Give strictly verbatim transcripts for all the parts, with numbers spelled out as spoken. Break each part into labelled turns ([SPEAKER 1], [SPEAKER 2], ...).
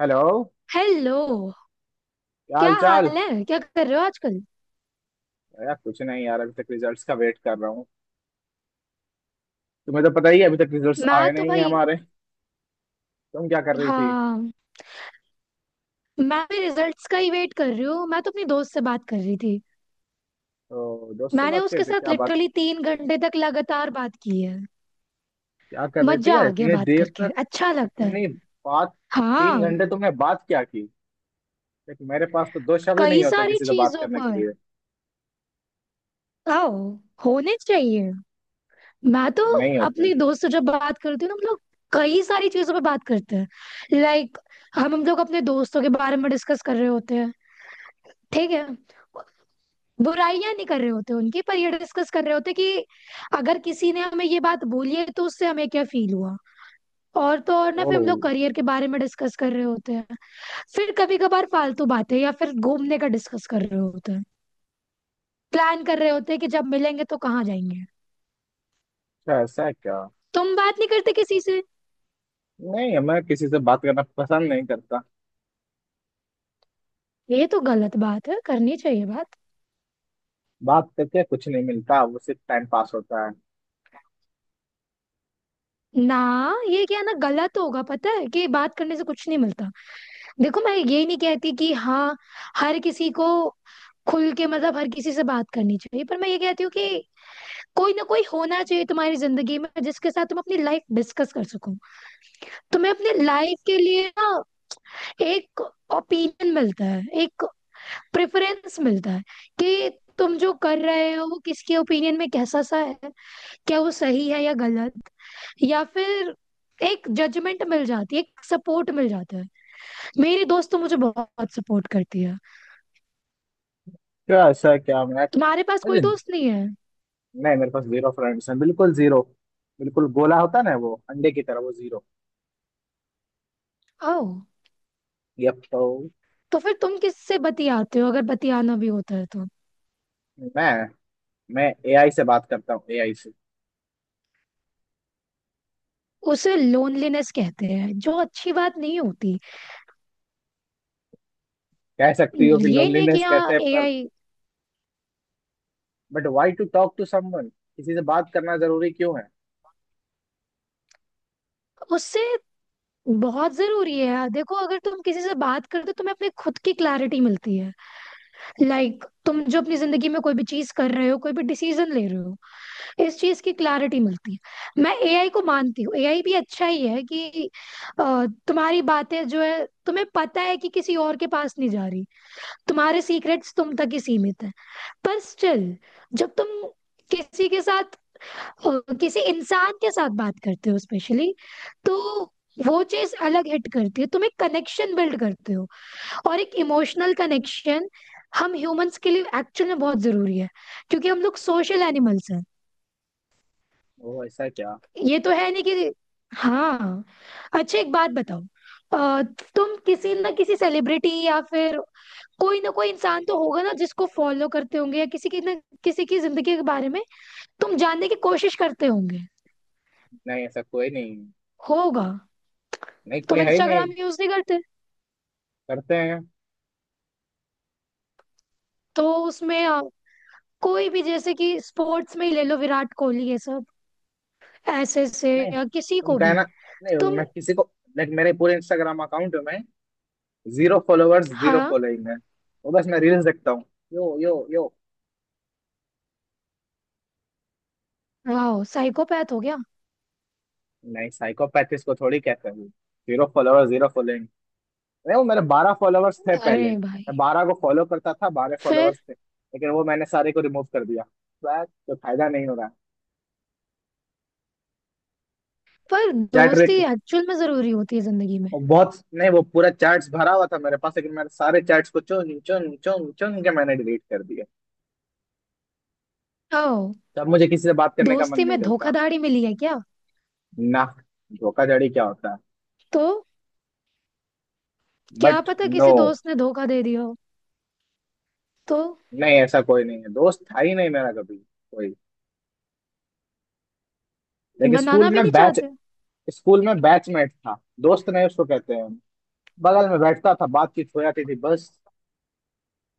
[SPEAKER 1] Hello.
[SPEAKER 2] Hello.
[SPEAKER 1] क्या
[SPEAKER 2] क्या
[SPEAKER 1] हाल चाल।
[SPEAKER 2] हाल है? क्या कर रहे हो आजकल?
[SPEAKER 1] यार कुछ नहीं यार, अभी तक रिजल्ट्स का वेट कर रहा हूँ। तुम्हें तो पता ही है, अभी तक रिजल्ट्स
[SPEAKER 2] मैं
[SPEAKER 1] आए
[SPEAKER 2] तो
[SPEAKER 1] नहीं है
[SPEAKER 2] भाई।
[SPEAKER 1] हमारे। तुम क्या कर रही थी?
[SPEAKER 2] हाँ, मैं भी रिजल्ट्स का ही वेट कर रही हूँ। मैं तो अपनी दोस्त से बात कर रही थी।
[SPEAKER 1] तो दोस्त से
[SPEAKER 2] मैंने
[SPEAKER 1] बात कर
[SPEAKER 2] उसके
[SPEAKER 1] रहे थे,
[SPEAKER 2] साथ
[SPEAKER 1] क्या बात।
[SPEAKER 2] लिटरली तीन घंटे तक लगातार बात की है।
[SPEAKER 1] क्या कर रहे थे
[SPEAKER 2] मजा
[SPEAKER 1] यार
[SPEAKER 2] आ गया,
[SPEAKER 1] इतनी
[SPEAKER 2] बात
[SPEAKER 1] देर
[SPEAKER 2] करके
[SPEAKER 1] तक।
[SPEAKER 2] अच्छा लगता है।
[SPEAKER 1] इतनी बात? तीन
[SPEAKER 2] हाँ।
[SPEAKER 1] घंटे तुमने बात क्या की? देख, मेरे पास तो दो शब्द
[SPEAKER 2] कई
[SPEAKER 1] नहीं होते
[SPEAKER 2] सारी
[SPEAKER 1] किसी से बात
[SPEAKER 2] चीजों
[SPEAKER 1] करने के
[SPEAKER 2] पर।
[SPEAKER 1] लिए।
[SPEAKER 2] आओ। होने चाहिए। मैं तो
[SPEAKER 1] नहीं होते।
[SPEAKER 2] अपनी दोस्त से जब बात करती हूँ ना, हम लोग कई सारी चीजों पर बात करते हैं। लाइक हम हम लोग अपने दोस्तों के बारे में डिस्कस कर रहे होते हैं। ठीक है, बुराइयां नहीं कर रहे होते उनकी, पर ये डिस्कस कर रहे होते कि अगर किसी ने हमें ये बात बोली है तो उससे हमें क्या फील हुआ। और तो और ना, फिर हम
[SPEAKER 1] ओह
[SPEAKER 2] लोग करियर के बारे में डिस्कस कर रहे होते हैं। फिर कभी कभार फालतू बातें या फिर घूमने का डिस्कस कर रहे होते हैं। प्लान कर रहे होते हैं कि जब मिलेंगे तो कहाँ जाएंगे।
[SPEAKER 1] अच्छा, ऐसा है क्या?
[SPEAKER 2] तुम बात नहीं करते किसी से?
[SPEAKER 1] नहीं, मैं किसी से बात करना पसंद नहीं करता।
[SPEAKER 2] ये तो गलत बात है, करनी चाहिए बात।
[SPEAKER 1] बात करके कुछ नहीं मिलता, वो सिर्फ टाइम पास होता है।
[SPEAKER 2] ना, ये क्या ना, गलत होगा पता है कि बात करने से कुछ नहीं मिलता। देखो, मैं ये नहीं कहती कि हाँ हर किसी को खुल के, मतलब हर किसी से बात करनी चाहिए, पर मैं ये कहती हूँ कि कोई ना कोई होना चाहिए तुम्हारी जिंदगी में जिसके साथ तुम अपनी लाइफ डिस्कस कर सको। तुम्हें अपने लाइफ के लिए ना एक ओपिनियन मिलता है, एक प्रेफरेंस मिलता है कि तुम जो कर रहे हो वो किसके ओपिनियन में कैसा सा है, क्या वो सही है या गलत, या फिर एक जजमेंट मिल जाती है, एक सपोर्ट मिल जाता है। मेरी दोस्त तो मुझे बहुत सपोर्ट करती है।
[SPEAKER 1] क्या ऐसा है क्या? मैं
[SPEAKER 2] तुम्हारे पास कोई
[SPEAKER 1] मुझे
[SPEAKER 2] दोस्त नहीं है?
[SPEAKER 1] नहीं, मेरे पास जीरो फ्रेंड्स हैं, बिल्कुल जीरो। बिल्कुल गोला होता है ना वो अंडे की तरह, वो जीरो।
[SPEAKER 2] ओह।
[SPEAKER 1] यप तो
[SPEAKER 2] तो फिर तुम किससे बतियाते हो, अगर बतियाना भी होता है तो?
[SPEAKER 1] मैं मैं एआई से बात करता हूँ, एआई से।
[SPEAKER 2] उसे लोनलीनेस कहते हैं जो अच्छी बात नहीं होती।
[SPEAKER 1] कह सकती हो कि
[SPEAKER 2] ये नहीं है कि
[SPEAKER 1] लोनलीनेस
[SPEAKER 2] हाँ
[SPEAKER 1] कहते हैं, पर
[SPEAKER 2] ए आई
[SPEAKER 1] but why to talk to someone, किसी से बात करना जरूरी क्यों है?
[SPEAKER 2] उससे। बहुत जरूरी है, देखो, अगर तुम किसी से बात करते हो तुम्हें अपने खुद की क्लैरिटी मिलती है। लाइक तुम जो अपनी जिंदगी में कोई भी चीज कर रहे हो, कोई भी डिसीजन ले रहे हो, इस चीज की क्लैरिटी मिलती है। मैं एआई को मानती हूँ, ए आई भी अच्छा ही है कि अ, तुम्हारी बातें जो है तुम्हें पता है कि किसी और के पास नहीं जा रही, तुम्हारे सीक्रेट्स तुम तक ही सीमित है। पर स्टिल जब तुम किसी के साथ अ, किसी इंसान के साथ बात करते हो स्पेशली, तो वो चीज अलग हिट करती है। तुम एक कनेक्शन बिल्ड करते हो, और एक इमोशनल कनेक्शन हम ह्यूमंस के लिए एक्चुअल में बहुत जरूरी है, क्योंकि हम लोग सोशल एनिमल्स हैं।
[SPEAKER 1] ओ ऐसा क्या?
[SPEAKER 2] ये तो है नहीं कि हाँ। अच्छा, एक बात बताओ, अ, तुम किसी ना किसी सेलिब्रिटी या फिर कोई ना कोई इंसान तो होगा ना जिसको फॉलो करते होंगे, या किसी की ना किसी की जिंदगी के बारे में तुम जानने की कोशिश करते होंगे।
[SPEAKER 1] नहीं ऐसा कोई नहीं।
[SPEAKER 2] होगा।
[SPEAKER 1] नहीं, कोई
[SPEAKER 2] तुम
[SPEAKER 1] है ही नहीं।
[SPEAKER 2] इंस्टाग्राम यूज नहीं करते?
[SPEAKER 1] करते हैं।
[SPEAKER 2] तो उसमें अ, कोई भी, जैसे कि स्पोर्ट्स में ही ले लो, विराट कोहली ये सब, ऐसे से
[SPEAKER 1] नहीं
[SPEAKER 2] या किसी
[SPEAKER 1] तुम
[SPEAKER 2] को भी?
[SPEAKER 1] कहना, नहीं
[SPEAKER 2] तुम।
[SPEAKER 1] मैं किसी को। लाइक मेरे पूरे इंस्टाग्राम अकाउंट में जीरो फॉलोअर्स, जीरो
[SPEAKER 2] हाँ।
[SPEAKER 1] फॉलोइंग है। वो बस मैं रील्स देखता हूँ, यो यो यो।
[SPEAKER 2] वाह, साइकोपैथ हो गया।
[SPEAKER 1] नहीं, साइकोपैथ इसको थोड़ी कहते हैं। Zero follower, zero following. नहीं, वो मेरे बारह फॉलोवर्स थे पहले,
[SPEAKER 2] अरे भाई।
[SPEAKER 1] मैं बारह को फॉलो करता था, बारह
[SPEAKER 2] फिर।
[SPEAKER 1] फॉलोवर्स थे, लेकिन वो मैंने सारे को रिमूव कर दिया, तो तो फायदा नहीं हो रहा।
[SPEAKER 2] पर
[SPEAKER 1] चैट
[SPEAKER 2] दोस्ती
[SPEAKER 1] रिक
[SPEAKER 2] एक्चुअल में जरूरी होती है जिंदगी में।
[SPEAKER 1] बहुत नहीं, वो पूरा चैट्स भरा हुआ था मेरे पास, लेकिन मैंने सारे चैट्स को चुन चुन चुन चुन के मैंने डिलीट कर दिए।
[SPEAKER 2] ओ।
[SPEAKER 1] तब मुझे किसी से बात करने का मन
[SPEAKER 2] दोस्ती
[SPEAKER 1] नहीं
[SPEAKER 2] में
[SPEAKER 1] करता।
[SPEAKER 2] धोखाधड़ी मिली है क्या?
[SPEAKER 1] ना। धोखाधड़ी क्या होता है?
[SPEAKER 2] तो क्या
[SPEAKER 1] बट
[SPEAKER 2] पता
[SPEAKER 1] नो।
[SPEAKER 2] किसी दोस्त ने धोखा दे दिया हो। तो
[SPEAKER 1] नहीं ऐसा कोई नहीं है, दोस्त था ही नहीं मेरा कभी कोई। लेकिन स्कूल
[SPEAKER 2] बनाना भी
[SPEAKER 1] में
[SPEAKER 2] नहीं
[SPEAKER 1] बैच
[SPEAKER 2] चाहते?
[SPEAKER 1] स्कूल में बैचमेट था, दोस्त नहीं उसको कहते। हैं बगल में बैठता था, बातचीत हो जाती थी बस।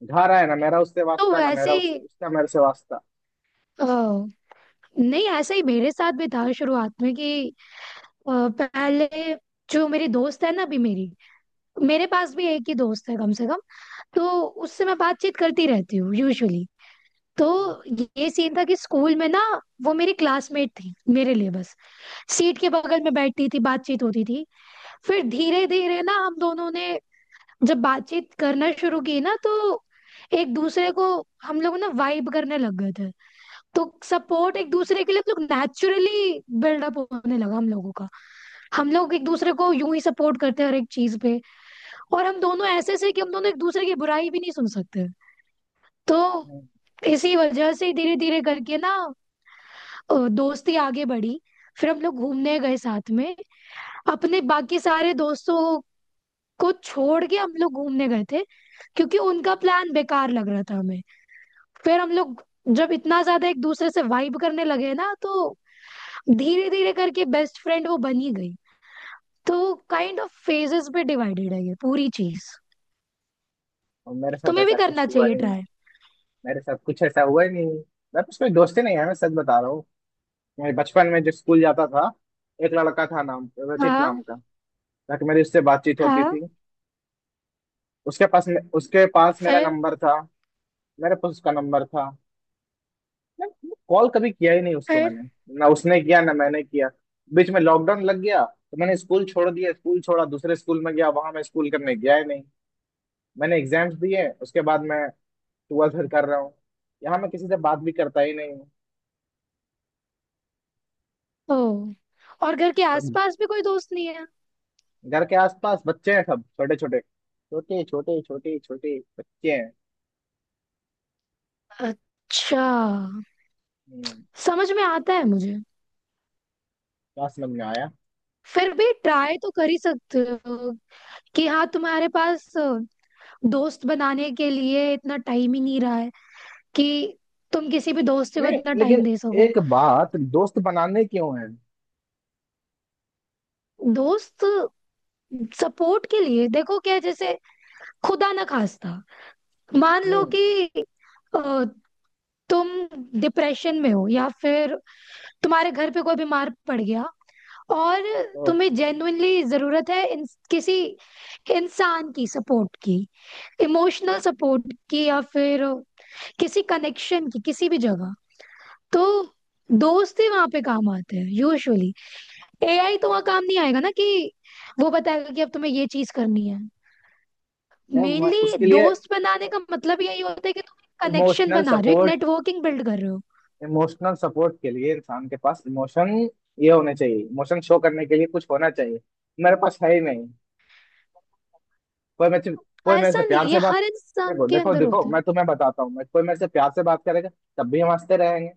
[SPEAKER 1] घर आए ना मेरा उससे
[SPEAKER 2] तो
[SPEAKER 1] वास्ता, ना
[SPEAKER 2] वैसे
[SPEAKER 1] मेरा उस,
[SPEAKER 2] ही
[SPEAKER 1] उसका मेरे से वास्ता।
[SPEAKER 2] ओ, नहीं, ऐसा ही मेरे साथ भी था शुरुआत में कि अ, पहले जो मेरी दोस्त है ना अभी, मेरी, मेरे पास भी एक ही दोस्त है कम से कम। तो उससे मैं बातचीत करती रहती हूँ यूजुअली। तो ये सीन था कि स्कूल में ना वो मेरी क्लासमेट थी मेरे लिए, बस सीट के बगल में बैठती थी, बातचीत होती थी। फिर धीरे धीरे ना हम दोनों ने जब बातचीत करना शुरू की ना तो एक दूसरे को हम लोग ना वाइब करने लग गए थे। तो सपोर्ट एक दूसरे के लिए हम लोग नेचुरली बिल्डअप होने लगा हम लोगों का। हम लोग एक दूसरे को यूं ही सपोर्ट करते हैं हर एक चीज पे। और हम दोनों ऐसे से कि हम दोनों एक दूसरे की बुराई भी नहीं सुन सकते। तो
[SPEAKER 1] हम्म।
[SPEAKER 2] इसी वजह से धीरे धीरे करके ना अ, दोस्ती आगे बढ़ी। फिर हम लोग घूमने गए साथ में, अपने बाकी सारे दोस्तों को छोड़ के हम लोग घूमने गए थे, क्योंकि उनका प्लान बेकार लग रहा था हमें। फिर हम लोग जब इतना ज्यादा एक दूसरे से वाइब करने लगे ना, तो धीरे धीरे करके बेस्ट फ्रेंड वो बन ही गई। तो काइंड ऑफ फेजेस पे डिवाइडेड है ये पूरी चीज।
[SPEAKER 1] और मेरे साथ
[SPEAKER 2] तुम्हें भी
[SPEAKER 1] ऐसा कुछ
[SPEAKER 2] करना
[SPEAKER 1] हुआ
[SPEAKER 2] चाहिए
[SPEAKER 1] ही नहीं।
[SPEAKER 2] ट्राई।
[SPEAKER 1] मेरे साथ कुछ ऐसा हुआ ही नहीं, मेरे पास कोई दोस्ती नहीं है, मैं सच बता रहा हूँ। मैं बचपन में जब स्कूल जाता था, एक लड़का था नाम रचित
[SPEAKER 2] हाँ।
[SPEAKER 1] नाम का, ताकि मेरी उससे बातचीत होती
[SPEAKER 2] हाँ।
[SPEAKER 1] थी। उसके पास उसके पास मेरा
[SPEAKER 2] फिर।
[SPEAKER 1] नंबर था, मेरे पास उसका नंबर था। कॉल कभी किया ही नहीं उसको
[SPEAKER 2] फिर।
[SPEAKER 1] मैंने, ना उसने किया ना मैंने किया। बीच में लॉकडाउन लग गया, तो मैंने स्कूल छोड़ दिया, स्कूल छोड़ा, दूसरे स्कूल में गया, वहां मैं स्कूल करने गया ही नहीं। मैंने एग्जाम्स दिए, उसके बाद मैं ट्वेल्थ फिर कर रहा हूँ। यहाँ मैं किसी से बात भी करता ही नहीं हूँ।
[SPEAKER 2] ओ। और घर के
[SPEAKER 1] सब
[SPEAKER 2] आसपास भी कोई दोस्त नहीं है?
[SPEAKER 1] घर के आसपास बच्चे हैं, सब छोटे छोटे, छोटे छोटे छोटे छोटे बच्चे हैं।
[SPEAKER 2] अच्छा।
[SPEAKER 1] हम्म।
[SPEAKER 2] समझ में आता है मुझे।
[SPEAKER 1] क्या समझ में आया?
[SPEAKER 2] फिर भी ट्राई तो कर ही सकते हो कि हाँ, तुम्हारे पास अ, दोस्त बनाने के लिए इतना टाइम ही नहीं रहा है कि तुम किसी भी दोस्त को
[SPEAKER 1] नहीं
[SPEAKER 2] इतना
[SPEAKER 1] लेकिन
[SPEAKER 2] टाइम दे सको।
[SPEAKER 1] एक बात, दोस्त बनाने क्यों है?
[SPEAKER 2] दोस्त सपोर्ट के लिए, देखो क्या है, जैसे खुदा ना खास्ता मान लो
[SPEAKER 1] हम्म।
[SPEAKER 2] कि अ, तुम डिप्रेशन में हो या फिर तुम्हारे घर पे कोई बीमार पड़ गया, और
[SPEAKER 1] तो
[SPEAKER 2] तुम्हें जेन्युइनली जरूरत है इन, किसी इंसान की सपोर्ट की, इमोशनल सपोर्ट की, या फिर किसी कनेक्शन की किसी भी जगह, तो दोस्त ही वहां पे काम आते हैं यूजुअली। एआई तो वहां काम नहीं आएगा ना कि वो बताएगा कि अब तुम्हें ये चीज करनी है।
[SPEAKER 1] मैं मैं
[SPEAKER 2] मेनली
[SPEAKER 1] उसके लिए,
[SPEAKER 2] दोस्त बनाने का मतलब यही होता है कि तुम कनेक्शन
[SPEAKER 1] इमोशनल
[SPEAKER 2] बना रहे हो, एक
[SPEAKER 1] सपोर्ट।
[SPEAKER 2] नेटवर्किंग बिल्ड कर रहे हो।
[SPEAKER 1] इमोशनल सपोर्ट के लिए इंसान के पास इमोशन, ये होने चाहिए, इमोशन शो करने के लिए कुछ होना चाहिए, मेरे पास है ही नहीं। कोई मेरे से- कोई मेरे से
[SPEAKER 2] ऐसा नहीं,
[SPEAKER 1] प्यार
[SPEAKER 2] ये
[SPEAKER 1] से बात।
[SPEAKER 2] हर इंसान
[SPEAKER 1] देखो
[SPEAKER 2] के
[SPEAKER 1] देखो
[SPEAKER 2] अंदर
[SPEAKER 1] देखो
[SPEAKER 2] होते हैं।
[SPEAKER 1] मैं तुम्हें बताता हूँ, मैं कोई मेरे से प्यार से बात करेगा तब भी हम हंसते रहेंगे,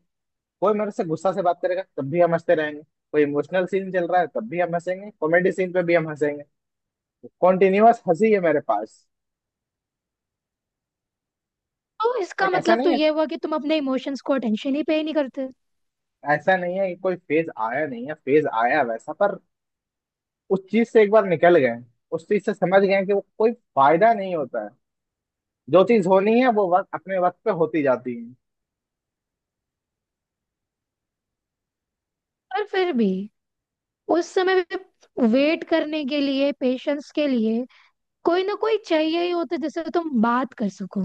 [SPEAKER 1] कोई मेरे से गुस्सा से बात करेगा तब भी हम हंसते रहेंगे, कोई इमोशनल सीन चल रहा है तब भी हम हंसेंगे, कॉमेडी सीन पे भी हम हंसेंगे, कॉन्टिन्यूअस हंसी है मेरे पास।
[SPEAKER 2] तो इसका
[SPEAKER 1] लाइक ऐसा
[SPEAKER 2] मतलब तो
[SPEAKER 1] नहीं है।
[SPEAKER 2] ये हुआ कि तुम अपने इमोशंस को अटेंशन ही पे नहीं करते।
[SPEAKER 1] ऐसा नहीं है कि कोई फेज आया नहीं है, फेज आया है वैसा, पर उस चीज से एक बार निकल गए, उस चीज से समझ गए कि वो कोई फायदा नहीं होता है, जो चीज होनी है वो वक्त अपने वक्त पे होती जाती है।
[SPEAKER 2] पर फिर भी उस समय वेट करने के लिए, पेशेंस के लिए कोई ना कोई चाहिए ही होता है जिससे तुम बात कर सको।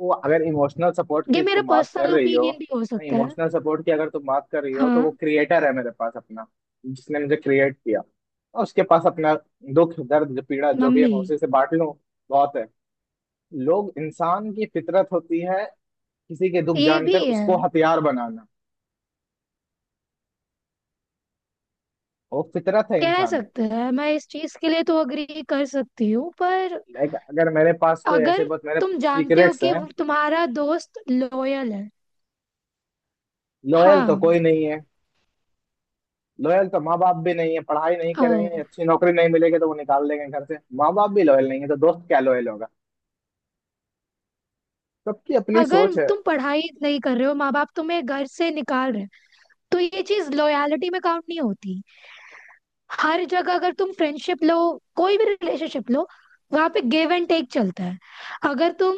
[SPEAKER 1] वो अगर इमोशनल सपोर्ट
[SPEAKER 2] ये
[SPEAKER 1] की
[SPEAKER 2] मेरा
[SPEAKER 1] तुम बात कर
[SPEAKER 2] पर्सनल
[SPEAKER 1] रही हो,
[SPEAKER 2] ओपिनियन भी हो सकता है।
[SPEAKER 1] इमोशनल सपोर्ट की अगर तुम बात कर रही हो, तो वो
[SPEAKER 2] हाँ।
[SPEAKER 1] क्रिएटर है मेरे पास अपना, जिसने मुझे क्रिएट किया, और उसके पास अपना दुख दर्द जो पीड़ा जो भी है,
[SPEAKER 2] मम्मी।
[SPEAKER 1] मैं उसी से बांट लूं। बहुत है। लोग इंसान की फितरत होती है, किसी के दुख
[SPEAKER 2] ये भी
[SPEAKER 1] जानकर
[SPEAKER 2] है।
[SPEAKER 1] उसको हथियार बनाना, वो फितरत है
[SPEAKER 2] कह
[SPEAKER 1] इंसान।
[SPEAKER 2] सकते हैं, मैं इस चीज के लिए तो अग्री कर सकती हूँ, पर
[SPEAKER 1] लाइक अगर मेरे पास कोई ऐसे
[SPEAKER 2] अगर
[SPEAKER 1] बहुत मेरे
[SPEAKER 2] तुम जानते हो
[SPEAKER 1] सीक्रेट्स
[SPEAKER 2] कि
[SPEAKER 1] हैं,
[SPEAKER 2] वो तुम्हारा दोस्त लॉयल है।
[SPEAKER 1] लॉयल तो
[SPEAKER 2] हाँ।
[SPEAKER 1] कोई नहीं है। लॉयल तो माँ बाप भी नहीं है, पढ़ाई नहीं
[SPEAKER 2] ओ,
[SPEAKER 1] कर रहे हैं, अच्छी नौकरी नहीं मिलेगी तो वो निकाल देंगे घर से, माँ बाप भी लॉयल नहीं है, तो दोस्त क्या लॉयल होगा। सबकी अपनी
[SPEAKER 2] अगर
[SPEAKER 1] सोच है।
[SPEAKER 2] तुम पढ़ाई नहीं कर रहे हो, माँ बाप तुम्हें घर से निकाल रहे हैं, तो ये चीज लॉयलिटी में काउंट नहीं होती। हर जगह अगर तुम फ्रेंडशिप लो, कोई भी रिलेशनशिप लो, वहां पे गिव एंड टेक चलता है। अगर तुम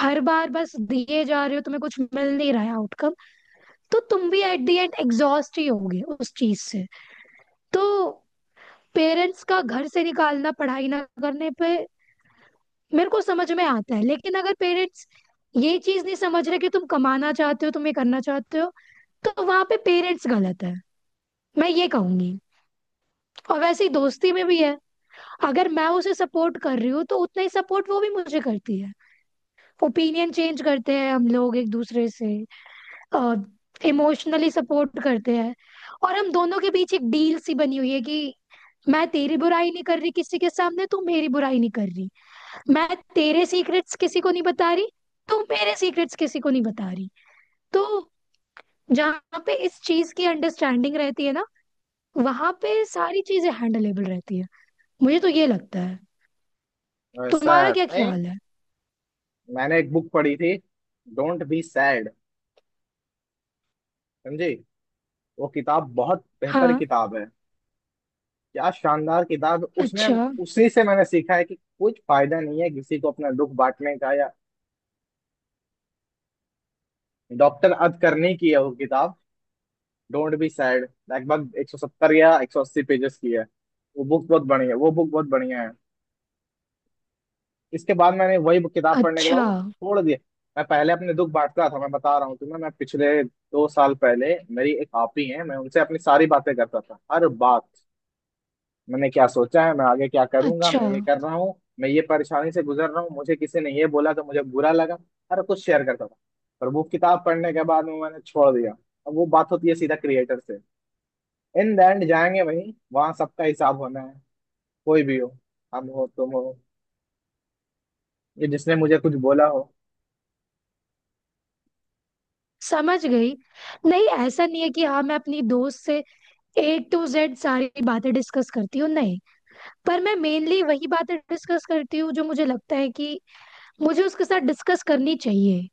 [SPEAKER 2] हर बार बस दिए जा रहे हो, तुम्हें कुछ मिल नहीं रहा है आउटकम, तो तुम भी एट द एंड एग्जॉस्ट ही होगे उस चीज से। तो पेरेंट्स का घर से निकालना पढ़ाई ना करने पे मेरे को समझ में आता है, लेकिन अगर पेरेंट्स ये चीज नहीं समझ रहे कि तुम कमाना चाहते हो, तुम ये करना चाहते हो, तो वहां पे पेरेंट्स गलत है, मैं ये कहूंगी। और वैसे ही दोस्ती में भी है। अगर मैं उसे सपोर्ट कर रही हूँ तो उतना ही सपोर्ट वो भी मुझे करती है। ओपिनियन चेंज करते हैं हम लोग एक दूसरे से, इमोशनली सपोर्ट करते हैं। और हम दोनों के बीच एक डील सी बनी हुई है कि मैं तेरी बुराई नहीं कर रही किसी के सामने, तू मेरी बुराई नहीं कर रही, मैं तेरे सीक्रेट्स किसी को नहीं बता रही, तू मेरे सीक्रेट्स किसी को नहीं बता रही। तो जहाँ पे इस चीज की अंडरस्टैंडिंग रहती है ना, वहां पे सारी चीजें हैंडलेबल रहती है। मुझे तो ये लगता है।
[SPEAKER 1] ऐसा
[SPEAKER 2] तुम्हारा क्या
[SPEAKER 1] नहीं,
[SPEAKER 2] ख्याल है?
[SPEAKER 1] मैंने एक बुक पढ़ी थी, डोंट बी सैड, समझी। वो किताब बहुत बेहतर
[SPEAKER 2] हाँ।
[SPEAKER 1] किताब है, क्या शानदार किताब है। उसमें,
[SPEAKER 2] अच्छा।
[SPEAKER 1] उसी से मैंने सीखा है कि कुछ फायदा नहीं है किसी को अपना दुख बांटने का, या डॉक्टर अद करने की है वो किताब, डोंट बी सैड लगभग एक सौ सत्तर या एक सौ अस्सी पेजेस की है। वो बुक बहुत बढ़िया है, वो बुक बहुत बढ़िया है। इसके बाद मैंने वही book- किताब पढ़ने के बाद
[SPEAKER 2] अच्छा।
[SPEAKER 1] वो छोड़ दिया। मैं पहले अपने दुख बांटता था, मैं बता रहा हूँ तुम्हें, मैं पिछले दो साल पहले, मेरी एक आपी है, मैं उनसे अपनी सारी बातें करता था, हर बात, मैंने क्या सोचा है, मैं आगे क्या करूंगा,
[SPEAKER 2] अच्छा,
[SPEAKER 1] मैं ये कर रहा हूँ, मैं ये परेशानी से गुजर रहा हूँ, मुझे किसी ने ये बोला तो मुझे बुरा लगा, हर कुछ शेयर करता था। पर वो किताब पढ़ने के बाद वो मैंने छोड़ दिया। अब वो बात होती है सीधा क्रिएटर से। इन द एंड जाएंगे भाई, वहां सबका हिसाब होना है, कोई भी हो, हम हो तुम हो ये जिसने मुझे कुछ बोला हो।
[SPEAKER 2] समझ गई। नहीं, ऐसा नहीं है कि हाँ, मैं अपनी दोस्त से ए टू जेड सारी बातें डिस्कस करती हूँ, नहीं। पर मैं मेनली वही बातें डिस्कस करती हूँ जो मुझे लगता है कि मुझे उसके साथ डिस्कस करनी चाहिए।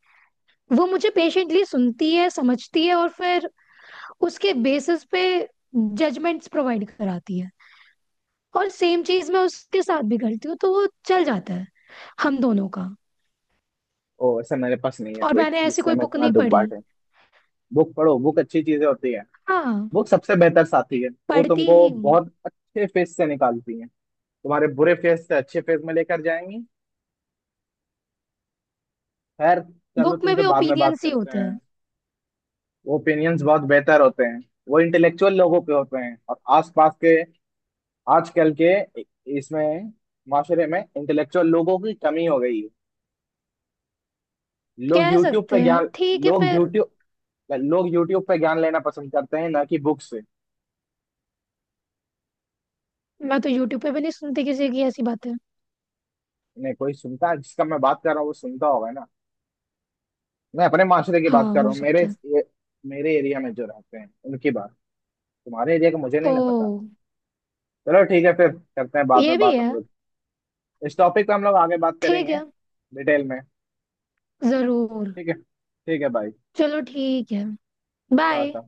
[SPEAKER 2] वो मुझे पेशेंटली सुनती है, समझती है, और फिर उसके बेसिस पे जजमेंट्स प्रोवाइड कराती है। और सेम चीज मैं उसके साथ भी करती हूँ, तो वो चल जाता है हम दोनों का।
[SPEAKER 1] ओ ऐसा, मेरे पास नहीं है
[SPEAKER 2] और
[SPEAKER 1] कोई
[SPEAKER 2] मैंने ऐसी
[SPEAKER 1] जिससे
[SPEAKER 2] कोई
[SPEAKER 1] मैं
[SPEAKER 2] बुक
[SPEAKER 1] इतना
[SPEAKER 2] नहीं
[SPEAKER 1] दुख
[SPEAKER 2] पढ़ी।
[SPEAKER 1] बांटे। बुक पढ़ो, बुक अच्छी चीजें होती है।
[SPEAKER 2] हाँ,
[SPEAKER 1] बुक सबसे बेहतर साथी है, वो
[SPEAKER 2] पढ़ती
[SPEAKER 1] तुमको
[SPEAKER 2] ही हूँ।
[SPEAKER 1] बहुत अच्छे फेस से निकालती है, तुम्हारे बुरे फेस से अच्छे फेस में लेकर जाएंगी। खैर, चलो
[SPEAKER 2] बुक में
[SPEAKER 1] तुमसे
[SPEAKER 2] भी
[SPEAKER 1] बाद में बात
[SPEAKER 2] ओपिनियंस ही
[SPEAKER 1] करते
[SPEAKER 2] होते हैं।
[SPEAKER 1] हैं। ओपिनियंस बहुत बेहतर होते हैं, वो इंटेलेक्चुअल लोगों पे होते हैं, और आसपास के आजकल के इसमें माशरे में इंटेलेक्चुअल लोगों की कमी हो गई है। लोग
[SPEAKER 2] कह
[SPEAKER 1] यूट्यूब
[SPEAKER 2] सकते
[SPEAKER 1] पे
[SPEAKER 2] हैं,
[SPEAKER 1] ज्ञान
[SPEAKER 2] ठीक है
[SPEAKER 1] लोग
[SPEAKER 2] फिर।
[SPEAKER 1] यूट्यूब लोग यूट्यूब पे ज्ञान लेना पसंद करते हैं ना कि बुक से।
[SPEAKER 2] मैं तो यूट्यूब पे भी नहीं सुनती किसी की ऐसी बातें।
[SPEAKER 1] नहीं कोई सुनता है, जिसका मैं बात कर रहा हूँ वो सुनता होगा ना। मैं अपने माशरे की
[SPEAKER 2] हाँ,
[SPEAKER 1] बात कर रहा
[SPEAKER 2] हो
[SPEAKER 1] हूँ, मेरे
[SPEAKER 2] सकता है।
[SPEAKER 1] मेरे एरिया में जो रहते हैं उनकी बात, तुम्हारे एरिया का मुझे नहीं
[SPEAKER 2] ओ।
[SPEAKER 1] ना पता। चलो ठीक है फिर, करते हैं बाद में
[SPEAKER 2] ये भी
[SPEAKER 1] बात हम
[SPEAKER 2] है।
[SPEAKER 1] लोग, इस टॉपिक पे हम लोग आगे बात
[SPEAKER 2] ठीक
[SPEAKER 1] करेंगे,
[SPEAKER 2] है।
[SPEAKER 1] डिटेल में।
[SPEAKER 2] जरूर।
[SPEAKER 1] ठीक है, ठीक है भाई,
[SPEAKER 2] चलो ठीक है। बाय।
[SPEAKER 1] टाटा।